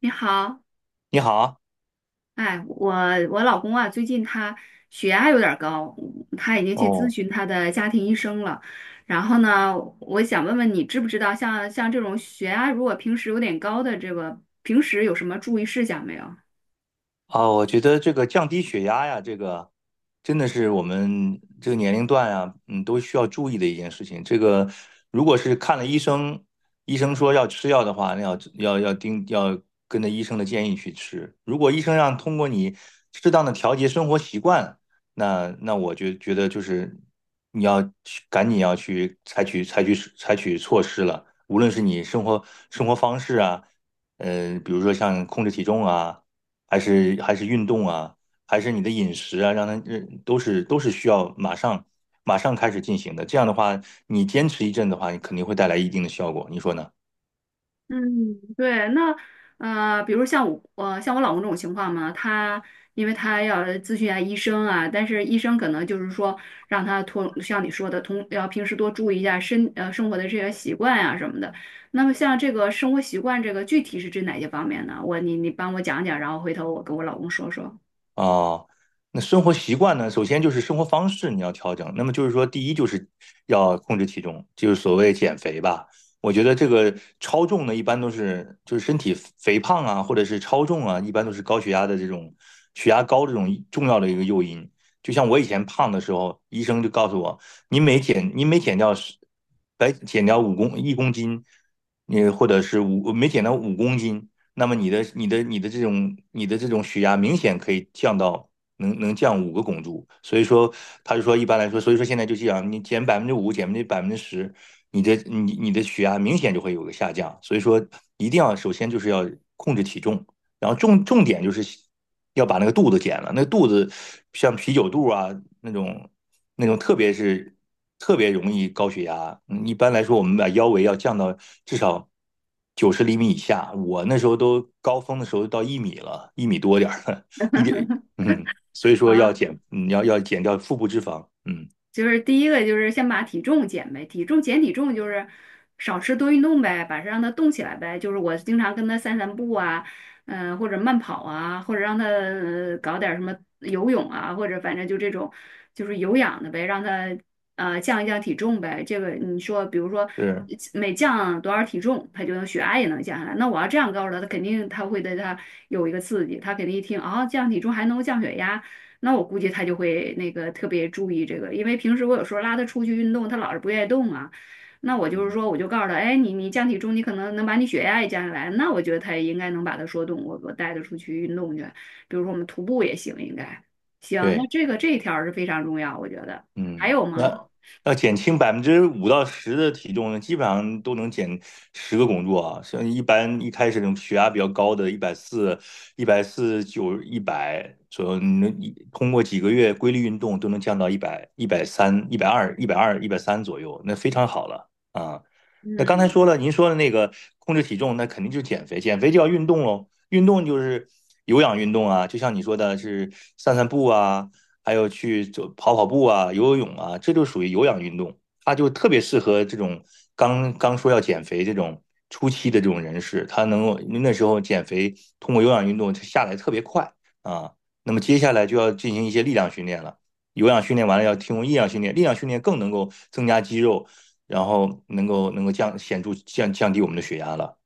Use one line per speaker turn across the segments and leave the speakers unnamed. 你好，
你好。
哎，我老公啊，最近他血压有点儿高，他已经去咨
哦。
询他的家庭医生了。然后呢，我想问问你，知不知道像这种血压如果平时有点高的这个，平时有什么注意事项没有？
啊，我觉得这个降低血压呀，这个真的是我们这个年龄段啊，都需要注意的一件事情。这个如果是看了医生，医生说要吃药的话，那要跟着医生的建议去吃。如果医生让通过你适当的调节生活习惯，那我就觉得就是你要去赶紧要去采取措施了，无论是你生活方式啊，比如说像控制体重啊。还是运动啊，还是你的饮食啊，让它都是需要马上开始进行的。这样的话，你坚持一阵的话，你肯定会带来一定的效果，你说呢？
嗯，对，那比如像我，像我老公这种情况嘛，他因为他要咨询一下医生啊，但是医生可能就是说让他通，像你说的，通要平时多注意一下生活的这些习惯啊什么的。那么像这个生活习惯，这个具体是指哪些方面呢？我你帮我讲讲，然后回头我跟我老公说说。
啊，那生活习惯呢？首先就是生活方式你要调整。那么就是说，第一就是要控制体重，就是所谓减肥吧。我觉得这个超重呢，一般都是就是身体肥胖啊，或者是超重啊，一般都是高血压的这种血压高这种重要的一个诱因。就像我以前胖的时候，医生就告诉我，你每减掉十，白减掉五公1公斤，你或者是五没减掉5公斤，那么你的这种血压明显可以降到能降5个汞柱。所以说他就说一般来说，所以说现在就这样，你减百分之五，减10%，你的血压明显就会有个下降，所以说一定要首先就是要控制体重，然后重点就是要把那个肚子减了，那个肚子像啤酒肚啊那种那种，特别容易高血压。嗯一般来说，我们把腰围要降到至少90厘米以下。我那时候都高峰的时候到一米了，一米多点儿了，一点嗯，所以说要
啊。
减，你要减掉腹部脂肪。嗯，
就是第一个就是先把体重减呗，体重就是少吃多运动呗，把它让它动起来呗。就是我经常跟他散散步啊，嗯、或者慢跑啊，或者让他搞点儿什么游泳啊，或者反正就这种就是有氧的呗，让他降一降体重呗。这个你说，比如说
是，
每降多少体重，他就能血压也能降下来。那我要这样告诉他，他肯定他会对他有一个刺激，他肯定一听啊、降体重还能够降血压。那我估计他就会那个特别注意这个，因为平时我有时候拉他出去运动，他老是不愿意动啊。那我就是
嗯，
说，我就告诉他，哎，你降体重，你可能能把你血压也降下来，那我觉得他也应该能把他说动，我带他出去运动去，比如说我们徒步也行，应该行。那
对。
这个这一条儿是非常重要，我觉得。还
嗯，
有吗？
那要减轻5%到10%的体重呢，基本上都能减十个工作啊。像一般一开始那种血压比较高的，一百四、149、一百左右，你能通过几个月规律运动都能降到一百、一百三、一百二、一百三左右，那非常好了啊。那刚才
嗯。
说了，您说的那个控制体重，那肯定就是减肥，减肥就要运动喽。运动就是有氧运动啊，就像你说的是散散步啊，还有去跑跑步啊、游游泳啊，这就属于有氧运动，它就特别适合这种刚刚说要减肥这种初期的这种人士，他能够那时候减肥通过有氧运动它下来特别快啊。那么接下来就要进行一些力量训练了，有氧训练完了要提供力量训练，力量训练更能够增加肌肉，然后能够显著降低我们的血压了。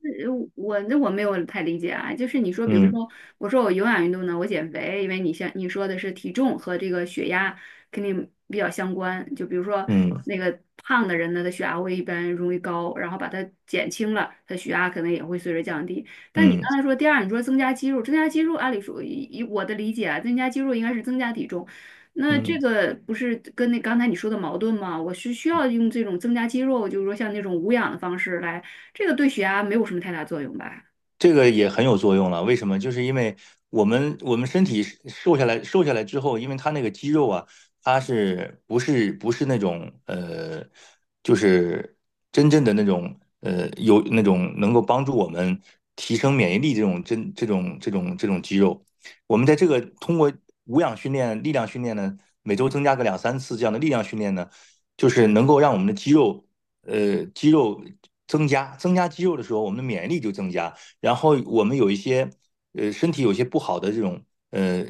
呃我那我没有太理解啊，就是你说，比如
嗯。
说，我说我有氧运动呢，我减肥，因为你像你说的是体重和这个血压肯定比较相关，就比如说
嗯。
那个胖的人呢，他血压会一般容易高，然后把它减轻了，他血压可能也会随着降低。但你
嗯。
刚才说第二，你说增加肌肉，增加肌肉，按理说以我的理解啊，增加肌肉应该是增加体重，那这
嗯。
个不是跟那刚才你说的矛盾吗？我是需要用这种增加肌肉，就是说像那种无氧的方式来。这个对血压没有什么太大作用吧？
这个也很有作用了，为什么？就是因为我们身体瘦下来之后，因为它那个肌肉啊，它是不是那种就是真正的那种有那种能够帮助我们提升免疫力这种真这种这种这种肌肉，我们在这个通过无氧训练、力量训练呢，每周增加个两三次这样的力量训练呢，就是能够让我们的肌肉增加。增加肌肉的时候，我们的免疫力就增加。然后我们有一些身体有些不好的这种呃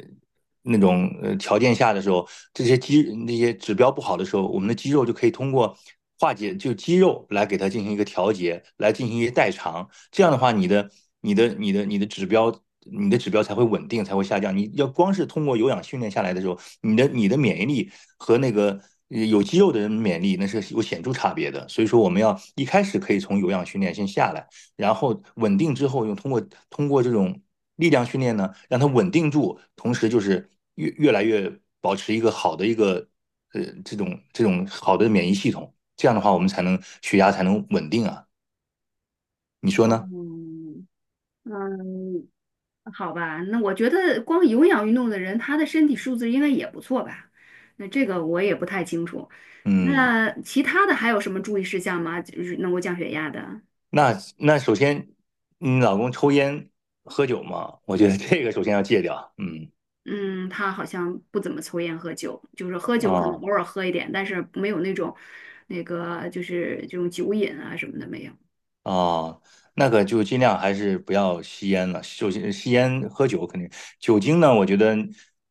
那种条件下的时候，这些那些指标不好的时候，我们的肌肉就可以通过化解，就肌肉来给它进行一个调节，来进行一些代偿。这样的话，你的指标。你的指标才会稳定，才会下降。你要光是通过有氧训练下来的时候，你的免疫力和那个有肌肉的人免疫力那是有显著差别的。所以说，我们要一开始可以从有氧训练先下来。然后稳定之后，用通过通过这种力量训练呢，让它稳定住，同时就是越来越保持一个好的这种好的免疫系统，这样的话我们才能血压才能稳定啊，你说呢？
嗯，嗯，好吧，那我觉得光有氧运动的人，他的身体素质应该也不错吧？那这个我也不太清楚。
嗯。
那其他的还有什么注意事项吗？就是能够降血压的？
那首先你老公抽烟喝酒嘛，我觉得这个首先要戒掉。嗯
嗯，他好像不怎么抽烟喝酒，就是喝酒可能
啊。
偶尔喝一点，但是没有那种那个就是这种酒瘾啊什么的没有。
啊，那个就尽量还是不要吸烟了。首先，吸烟、喝酒肯定，酒精呢，我觉得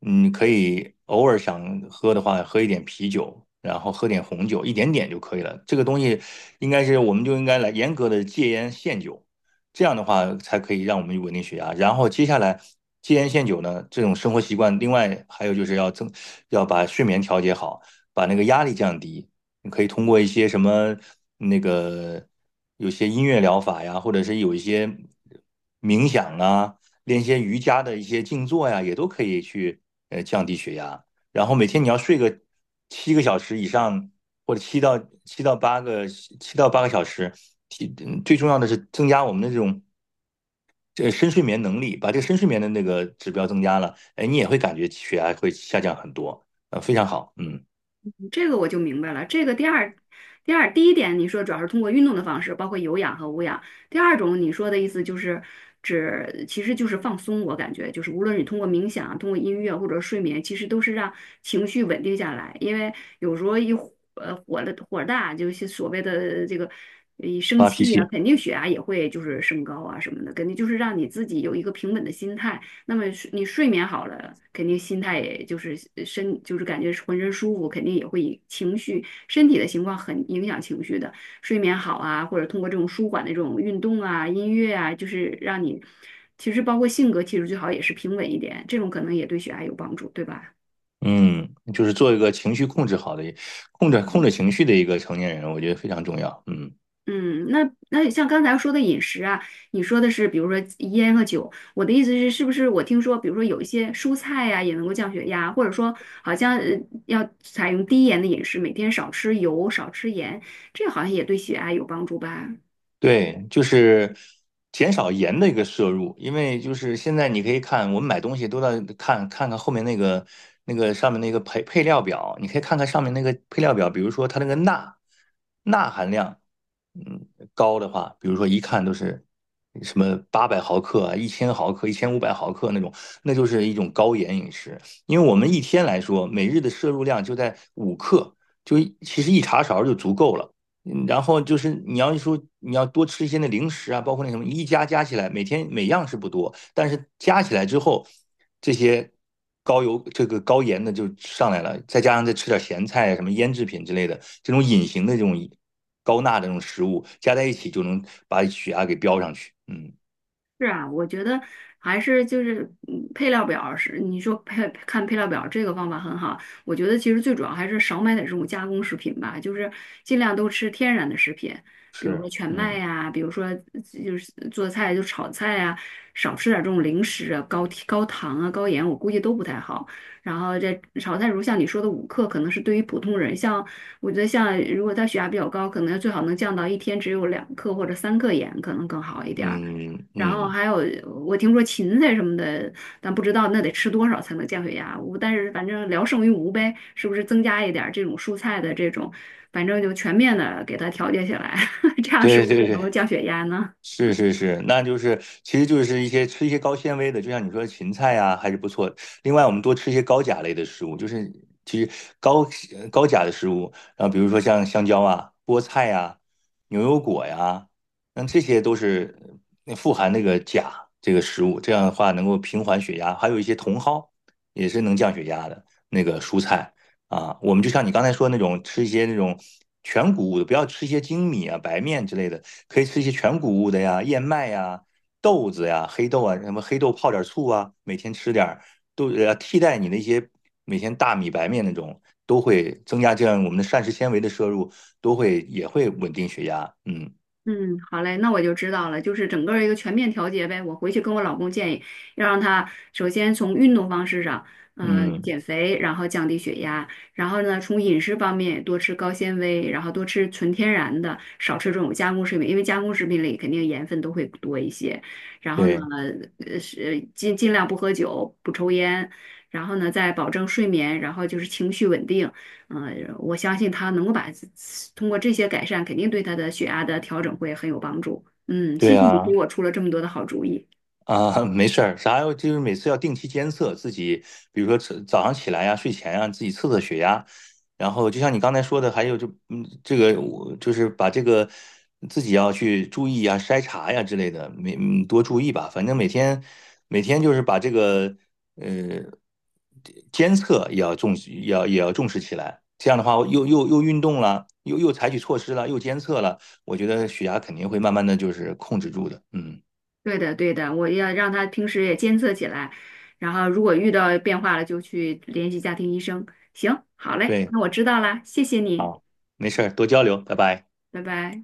可以偶尔想喝的话，喝一点啤酒，然后喝点红酒，一点点就可以了。这个东西应该是，我们就应该来严格的戒烟限酒，这样的话才可以让我们稳定血压。然后接下来戒烟限酒呢，这种生活习惯，另外还有就是要把睡眠调节好，把那个压力降低。你可以通过一些什么那个有些音乐疗法呀，或者是有一些冥想啊，练一些瑜伽的一些静坐呀，也都可以去降低血压。然后每天你要睡个7个小时以上，或者7到8个小时。最重要的是增加我们的这种这个深睡眠能力，把这个深睡眠的那个指标增加了，哎，你也会感觉血压会下降很多，非常好。嗯。
这个我就明白了。这个第二，第二，第一点你说主要是通过运动的方式，包括有氧和无氧。第二种你说的意思就是指，其实就是放松。我感觉就是无论你通过冥想、通过音乐或者睡眠，其实都是让情绪稳定下来。因为有时候火的火大，就是所谓的这个一生
发脾
气呀、
气。
肯定血压也会就是升高啊什么的，肯定就是让你自己有一个平稳的心态。那么你睡眠好了，肯定心态也就是就是感觉是浑身舒服，肯定也会以情绪身体的情况很影响情绪的。睡眠好啊，或者通过这种舒缓的这种运动啊、音乐啊，就是让你其实包括性格其实最好也是平稳一点，这种可能也对血压有帮助，对吧？
嗯，就是做一个情绪控制好的、控制控
嗯。
制情绪的一个成年人，我觉得非常重要。嗯。
嗯，那那像刚才说的饮食啊，你说的是比如说烟和酒，我的意思是，是不是我听说，比如说有一些蔬菜呀、也能够降血压，或者说好像要采用低盐的饮食，每天少吃油、少吃盐，这好像也对血压有帮助吧？
对，就是减少盐的一个摄入，因为就是现在你可以看，我们买东西都在看后面那个上面那个配料表，你可以看看上面那个配料表，比如说它那个钠含量，嗯，高的话，比如说一看都是什么800毫克啊、1000毫克、1500毫克那种，那就是一种高盐饮食。因为我们一天来说，每日的摄入量就在5克，其实一茶勺就足够了。嗯，然后就是你要多吃一些那零食啊，包括那什么加起来，每天每样是不多，但是加起来之后，这些高油这个高盐的就上来了，再加上再吃点咸菜啊什么腌制品之类的，这种隐形的这种高钠的这种食物加在一起，就能把血压给飙上去。嗯，
是啊，我觉得还是就是嗯配料表是你说看配料表这个方法很好，我觉得其实最主要还是少买点这种加工食品吧，就是尽量都吃天然的食品，比如说
是，
全麦
嗯，
呀、比如说就是做菜就炒菜呀、少吃点这种零食啊，高糖啊、高盐，我估计都不太好。然后这炒菜，如像你说的5克，可能是对于普通人，像我觉得像如果他血压比较高，可能最好能降到一天只有2克或者3克盐，可能更好一点儿。
嗯，
然后
嗯，
还有我听说芹菜什么的，但不知道那得吃多少才能降血压。我但是反正聊胜于无呗，是不是增加一点儿这种蔬菜的这种，反正就全面的给它调节起来，这样是不
对，
是
对，
能够
对。
降血压呢？
是，是，是，那就是，其实就是吃一些高纤维的，就像你说的芹菜啊，还是不错。另外，我们多吃一些高钾类的食物，就是其实高高钾的食物，然后比如说像香蕉啊、菠菜呀、牛油果呀，那这些都是富含那个钾这个食物，这样的话能够平缓血压。还有一些茼蒿也是能降血压的那个蔬菜，啊，我们就像你刚才说的那种，吃一些那种全谷物的，不要吃一些精米啊、白面之类的，可以吃一些全谷物的呀，燕麦呀、豆子呀、黑豆啊，什么黑豆泡点醋啊，每天吃点儿，都替代你那些每天大米白面那种，都会增加这样我们的膳食纤维的摄入，都会也会稳定血压。嗯。
嗯，好嘞，那我就知道了，就是整个儿一个全面调节呗。我回去跟我老公建议，要让他首先从运动方式上，呃，
嗯。
减肥，然后降低血压，然后呢，从饮食方面多吃高纤维，然后多吃纯天然的，少吃这种加工食品，因为加工食品里肯定盐分都会多一些。然后呢，
对。
呃，是尽量不喝酒，不抽烟，然后呢，再保证睡眠，然后就是情绪稳定。我相信他能够把通过这些改善，肯定对他的血压的调整会很有帮助。嗯，谢
对
谢你给
啊。
我出了这么多的好主意。
啊，没事儿，就是每次要定期监测自己，比如说早上起来呀、睡前啊，自己测测血压，然后就像你刚才说的，还有这个我就是把这个自己要去注意呀、筛查呀之类的，多注意吧。反正每天就是把这个呃监测也要重视，也要重视起来。这样的话，又运动了，又采取措施了，又监测了，我觉得血压肯定会慢慢的就是控制住的。嗯，
对的，对的，我要让他平时也监测起来，然后如果遇到变化了，就去联系家庭医生。行，好嘞，
对。
那我知道啦，谢谢你，
好，没事儿，多交流，拜拜。
拜拜。